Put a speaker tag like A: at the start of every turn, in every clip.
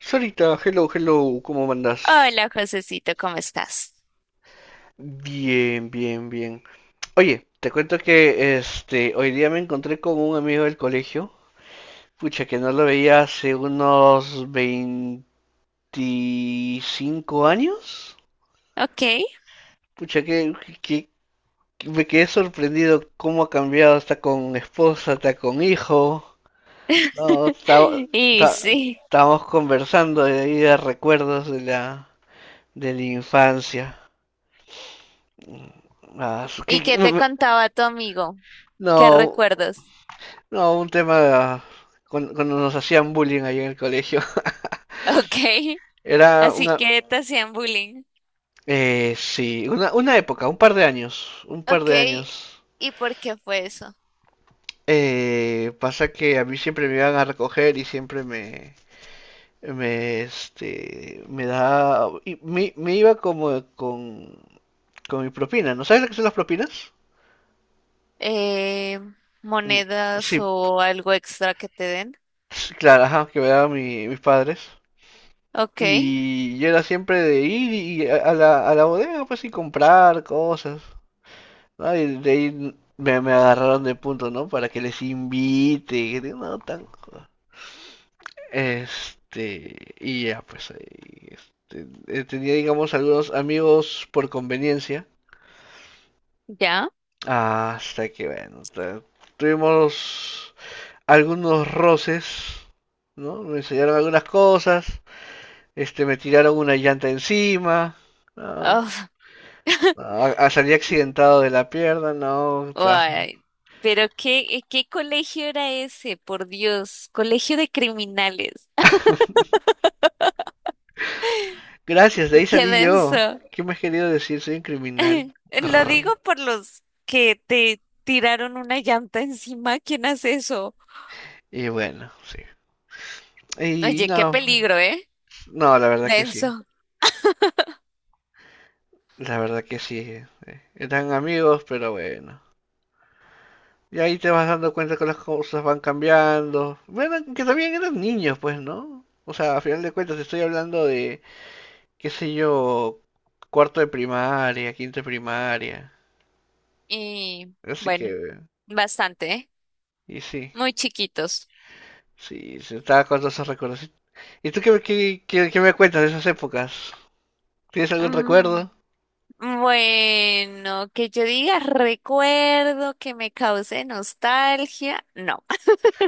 A: Sarita, hello, hello, ¿cómo andas?
B: Hola, Josecito, ¿cómo estás?
A: Bien, bien, bien. Oye, te cuento que hoy día me encontré con un amigo del colegio, pucha, que no lo veía hace unos 25 años.
B: Ok.
A: Pucha, que- que me quedé sorprendido cómo ha cambiado, está con esposa, está con hijo. No,
B: Y
A: está-
B: sí.
A: estábamos conversando de ahí de recuerdos de la infancia. Ah,
B: ¿Y qué te contaba tu amigo? ¿Qué
A: no.
B: recuerdos?
A: No, un tema cuando nos hacían bullying ahí en el colegio.
B: Ok.
A: Era
B: Así
A: una,
B: que te hacían bullying.
A: sí, una época, un par de años, un par
B: Ok.
A: de años.
B: ¿Y por qué fue eso?
A: Pasa que a mí siempre me iban a recoger y siempre me, me, este, me da, y me iba como con mi propina, ¿no sabes lo que son las propinas?
B: Eh,
A: Mm.
B: ¿Monedas
A: Sí,
B: o algo extra que te den?
A: sí, claro, ajá, que me daban mis padres.
B: Ok.
A: Y yo era siempre de ir y a la bodega, pues, y comprar cosas, ¿no? Y de ahí me agarraron de punto, ¿no? Para que les invite, y que no, tan. Y ya, pues, ahí, este, tenía, digamos, algunos amigos por conveniencia,
B: ¿Ya?
A: hasta que, bueno, tuvimos algunos roces, ¿no? Me enseñaron algunas cosas, me tiraron una llanta encima, ah,
B: Oh,
A: Ah, ah, salí accidentado de la pierna, no. O sea,
B: ay, pero qué, ¿qué colegio era ese? Por Dios, colegio de criminales.
A: gracias, de ahí
B: Qué
A: salí yo.
B: denso.
A: ¿Qué me has querido decir? Soy un criminal.
B: Lo digo
A: Grrr.
B: por los que te tiraron una llanta encima. ¿Quién hace eso?
A: Y bueno, sí. Y
B: Oye, qué
A: no,
B: peligro, ¿eh?
A: no, la verdad que sí.
B: Denso.
A: La verdad que sí. Eran amigos, pero bueno. Y ahí te vas dando cuenta que las cosas van cambiando. Bueno, que también eran niños, pues, ¿no? O sea, a final de cuentas estoy hablando de, qué sé yo, cuarto de primaria, quinto de primaria.
B: Y
A: Así
B: bueno,
A: que,
B: bastante, ¿eh?
A: y sí.
B: Muy chiquitos.
A: Sí, se estaba con todos esos recuerdos. ¿Y tú qué me cuentas de esas épocas? ¿Tienes algún
B: Mm,
A: recuerdo?
B: bueno, que yo diga recuerdo que me cause nostalgia. No,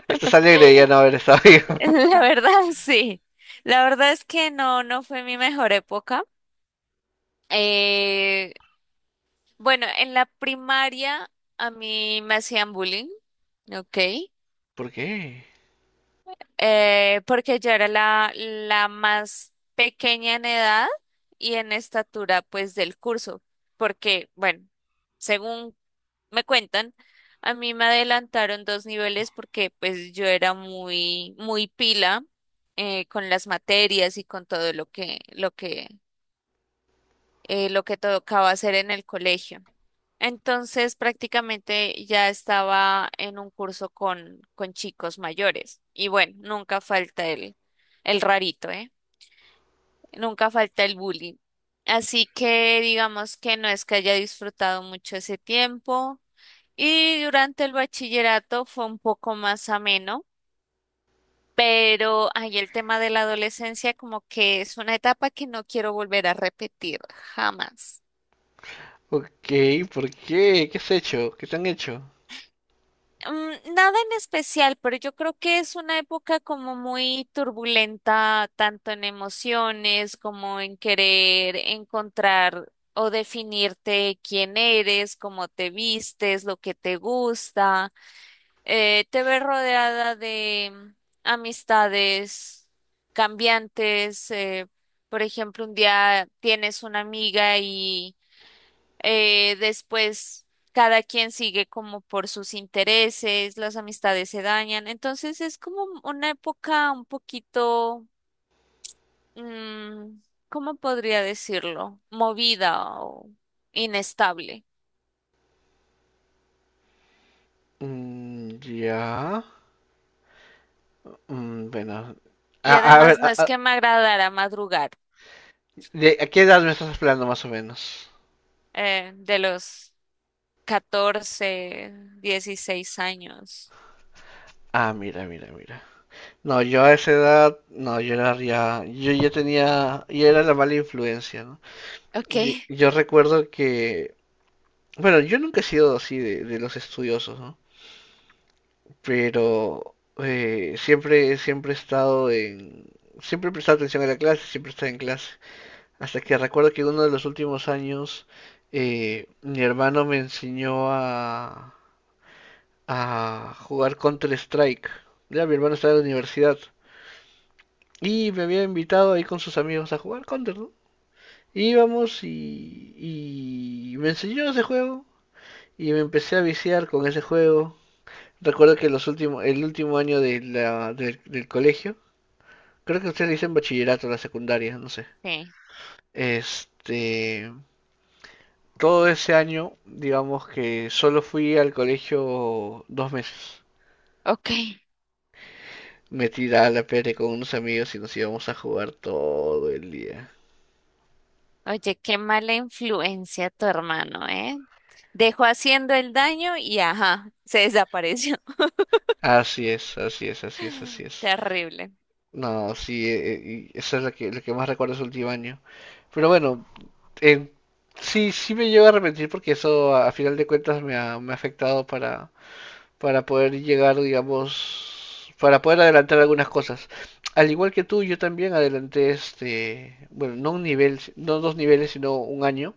A: Estás alegre de ya no haber estado vivo.
B: la verdad sí. La verdad es que no, no fue mi mejor época. Eh, Bueno, en la primaria a mí me hacían bullying, ¿ok?
A: ¿Por qué?
B: Porque yo era la más pequeña en edad y en estatura, pues, del curso. Porque, bueno, según me cuentan, a mí me adelantaron dos niveles porque, pues, yo era muy pila con las materias y con todo lo que tocaba hacer en el colegio. Entonces prácticamente ya estaba en un curso con chicos mayores. Y bueno, nunca falta el rarito, ¿eh? Nunca falta el bullying. Así que digamos que no es que haya disfrutado mucho ese tiempo. Y durante el bachillerato fue un poco más ameno, pero ahí el tema de la adolescencia como que es una etapa que no quiero volver a repetir jamás.
A: Ok, ¿por qué? ¿Qué has hecho? ¿Qué te han hecho?
B: Nada en especial, pero yo creo que es una época como muy turbulenta, tanto en emociones como en querer encontrar o definirte quién eres, cómo te vistes, lo que te gusta. Te ves rodeada de amistades cambiantes. Por ejemplo, un día tienes una amiga y después, cada quien sigue como por sus intereses, las amistades se dañan. Entonces es como una época un poquito, mm, ¿cómo podría decirlo? Movida o inestable.
A: Mm, ya. Mm, bueno.
B: Y
A: A, a ver,
B: además no
A: a,
B: es
A: a-
B: que me agradara madrugar
A: a qué edad me estás hablando más o menos?
B: de los 14 16 años.
A: Ah, mira, mira, mira. No, yo a esa edad, no, yo era ya, yo ya tenía, yo era la mala influencia, ¿no?
B: Ok,
A: Yo recuerdo que bueno, yo nunca he sido así de los estudiosos, ¿no? Pero siempre, siempre he estado en. Siempre he prestado atención a la clase, siempre he estado en clase. Hasta que recuerdo que uno de los últimos años mi hermano me enseñó a jugar Counter-Strike. Ya, mi hermano estaba en la universidad. Y me había invitado ahí con sus amigos a jugar Counter, ¿no? Íbamos y me enseñó ese juego. Y me empecé a viciar con ese juego. Recuerdo que el último año del colegio, creo que ustedes dicen bachillerato, la secundaria, no sé.
B: sí.
A: Este, todo ese año, digamos que solo fui al colegio 2 meses.
B: Ok.
A: Me tiraba la pere con unos amigos y nos íbamos a jugar todo el día.
B: Oye, qué mala influencia tu hermano, ¿eh? Dejó haciendo el daño y ajá, se desapareció.
A: Así es, así es, así es, así es.
B: Terrible.
A: No, sí, y eso es lo que, más recuerdo de ese último año. Pero bueno, en- sí, sí me llevo a arrepentir porque eso a final de cuentas me ha afectado para poder llegar, digamos, para poder adelantar algunas cosas. Al igual que tú, yo también adelanté bueno, no un nivel, no dos niveles, sino un año.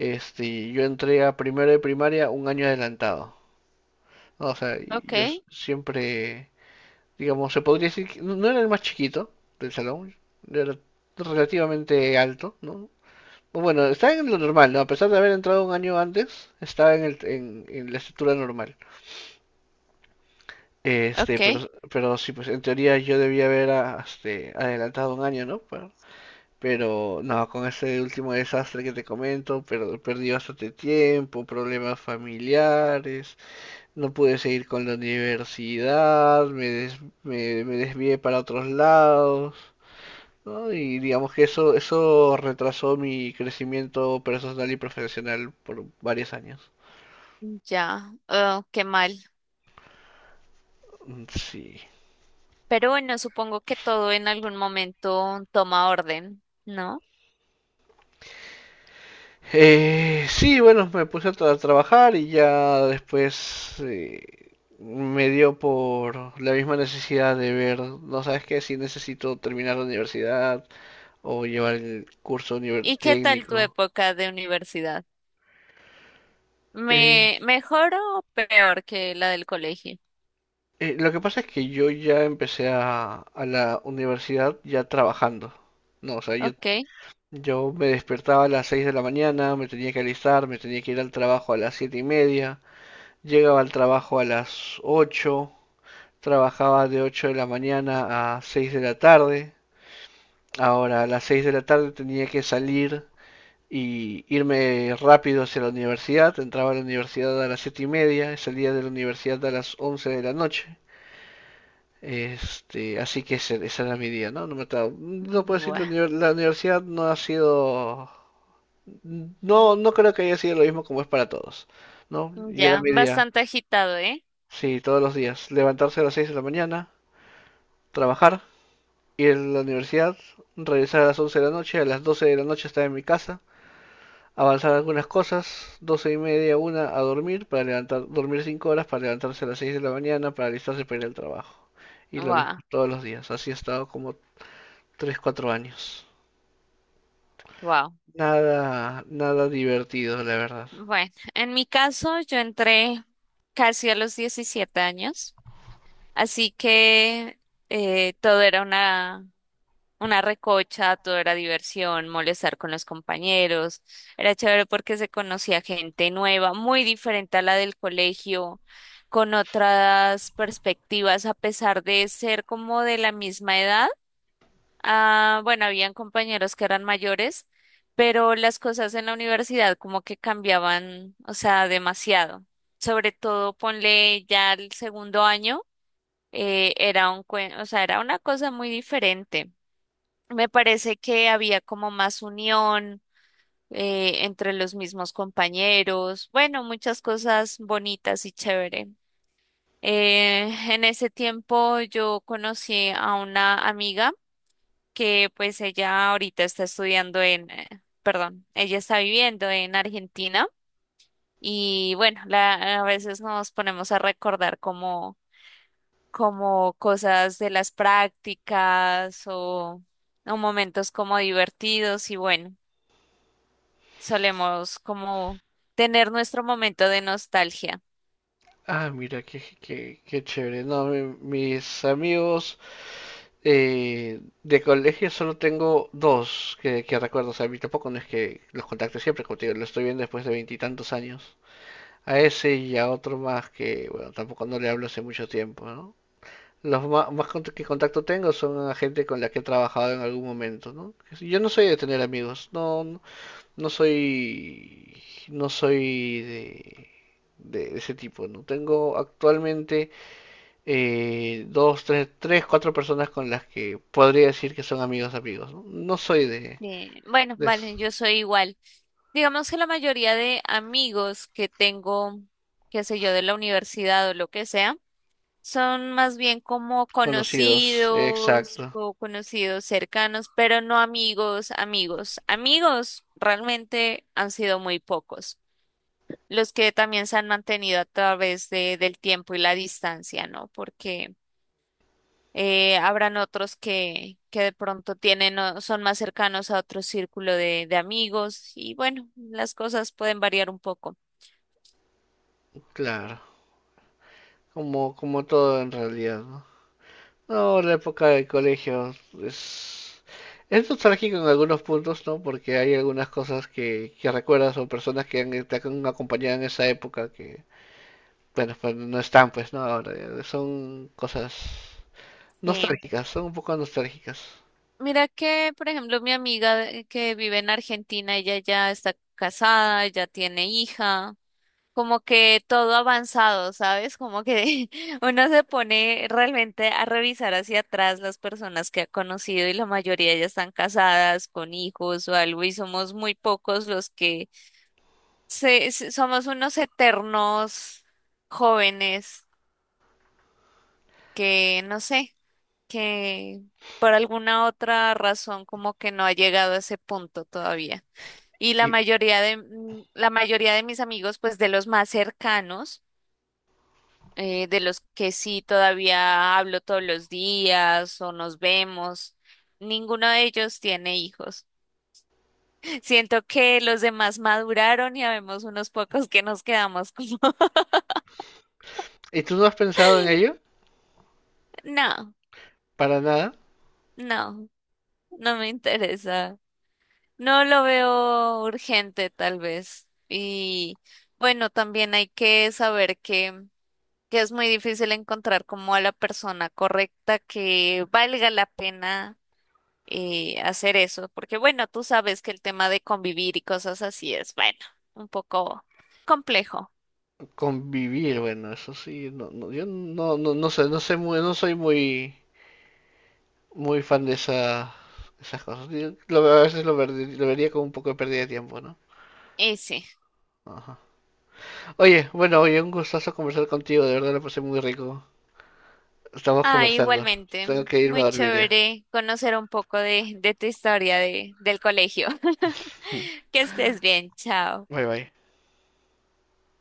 A: Yo entré a primero de primaria un año adelantado, ¿no? O sea,
B: Ok,
A: yo siempre, digamos, se podría decir que no era el más chiquito del salón, era relativamente alto, ¿no? Bueno, estaba en lo normal, ¿no? A pesar de haber entrado un año antes, estaba en la estructura normal. Este,
B: ok,
A: pero, pero sí, pues en teoría yo debía haber adelantado un año, ¿no? Pero no, con este último desastre que te comento, pero perdí bastante tiempo, problemas familiares, no pude seguir con la universidad, me desvié para otros lados, ¿no? Y digamos que eso retrasó mi crecimiento personal y profesional por varios años.
B: ya. Oh, qué mal.
A: Mm. Sí.
B: Pero bueno, supongo que todo en algún momento toma orden, ¿no?
A: Sí, bueno, me puse a trabajar y ya después me dio por la misma necesidad de ver, no sabes qué, si necesito terminar la universidad o llevar el curso
B: ¿Y qué tal tu
A: técnico.
B: época de universidad?
A: Eh,
B: ¿Me mejor o peor que la del colegio?
A: lo que pasa es que yo ya empecé a la universidad ya trabajando. No, o sea, yo,
B: Ok,
A: yo me despertaba a las 6 de la mañana, me tenía que alistar, me tenía que ir al trabajo a las 7:30, llegaba al trabajo a las 8. Trabajaba de 8 de la mañana a 6 de la tarde. Ahora a las 6 de la tarde tenía que salir y irme rápido hacia la universidad. Entraba a la universidad a las 7:30 y salía de la universidad a las 11 de la noche. Así que ese era mi día, ¿no? No, no puedo decir,
B: bueno,
A: la universidad no ha sido. No, no creo que haya sido lo mismo como es para todos, ¿no? Y era
B: ya,
A: mi día,
B: bastante agitado, ¿eh?
A: sí, todos los días. Levantarse a las 6 de la mañana, trabajar, ir a la universidad, regresar a las 11 de la noche, a las 12 de la noche estar en mi casa, avanzar algunas cosas, 12:30, una a dormir, para levantar, dormir 5 horas, para levantarse a las 6 de la mañana, para alistarse para ir al trabajo. Y lo mismo todos los días, así he estado como 3 4 años.
B: Wow,
A: Nada, nada divertido, la verdad.
B: bueno, en mi caso yo entré casi a los 17 años, así que todo era una recocha, todo era diversión, molestar con los compañeros, era chévere porque se conocía gente nueva, muy diferente a la del colegio, con otras perspectivas, a pesar de ser como de la misma edad. Ah, bueno, habían compañeros que eran mayores, pero las cosas en la universidad como que cambiaban, o sea, demasiado. Sobre todo, ponle ya el segundo año, era un, o sea, era una cosa muy diferente. Me parece que había como más unión entre los mismos compañeros, bueno, muchas cosas bonitas y chévere. Eh, en ese tiempo yo conocí a una amiga que pues ella ahorita está estudiando en, perdón, ella está viviendo en Argentina y bueno, la, a veces nos ponemos a recordar como, como cosas de las prácticas o momentos como divertidos y bueno, solemos como tener nuestro momento de nostalgia.
A: Ah, mira, qué chévere. No, mis amigos, de colegio solo tengo dos que recuerdo, o sea, a mí tampoco no es que los contacte siempre, como te digo, lo estoy viendo después de veintitantos años. A ese y a otro más que, bueno, tampoco no le hablo hace mucho tiempo, ¿no? Los más, que contacto tengo son a gente con la que he trabajado en algún momento, ¿no? Que si- Yo no soy de tener amigos, no, no, no soy, no soy de ese tipo, ¿no? Tengo actualmente dos, tres, tres, cuatro personas con las que podría decir que son amigos amigos. No. No soy de
B: Bueno, vale, yo soy igual. Digamos que la mayoría de amigos que tengo, qué sé yo, de la universidad o lo que sea, son más bien como
A: desconocidos,
B: conocidos
A: exacto,
B: o conocidos cercanos, pero no amigos, amigos. Amigos realmente han sido muy pocos, los que también se han mantenido a través de, del tiempo y la distancia, ¿no? Porque habrán otros que de pronto tienen, o son más cercanos a otro círculo de amigos y bueno, las cosas pueden variar un poco.
A: claro, como todo en realidad, ¿no? No, la época del colegio es, es nostálgico en algunos puntos, ¿no? Porque hay algunas cosas que recuerdas o personas te han acompañado en esa época que, bueno, pues no están, pues, ¿no? Ahora, son cosas
B: Sí.
A: nostálgicas, son un poco nostálgicas.
B: Mira que, por ejemplo, mi amiga que vive en Argentina, ella ya está casada, ya tiene hija, como que todo avanzado, ¿sabes? Como que uno se pone realmente a revisar hacia atrás las personas que ha conocido y la mayoría ya están casadas con hijos o algo y somos muy pocos los que somos unos eternos jóvenes que, no sé. Que por alguna otra razón como que no ha llegado a ese punto todavía. Y la
A: ¿Y,
B: mayoría de, la mayoría de mis amigos, pues de los más cercanos, de los que sí todavía hablo todos los días o nos vemos, ninguno de ellos tiene hijos. Siento que los demás maduraron y habemos unos pocos que nos quedamos como,
A: y tú no has pensado en ello?
B: no,
A: Para nada,
B: no, no me interesa. No lo veo urgente, tal vez. Y bueno, también hay que saber que es muy difícil encontrar como a la persona correcta que valga la pena hacer eso, porque bueno, tú sabes que el tema de convivir y cosas así es, bueno, un poco complejo.
A: convivir, bueno, eso sí, no, no, yo no, no, no sé, no sé muy, no soy muy, muy fan de esas cosas. A veces lo vería como un poco de pérdida de tiempo, ¿no?
B: Y sí.
A: Ajá. Oye, bueno, oye, un gustazo conversar contigo, de verdad lo pasé muy rico. Estamos
B: Ah,
A: conversando.
B: igualmente,
A: Tengo que irme a
B: muy
A: dormir ya.
B: chévere conocer un poco de tu historia de, del colegio. Que estés bien, chao.
A: Bye bye.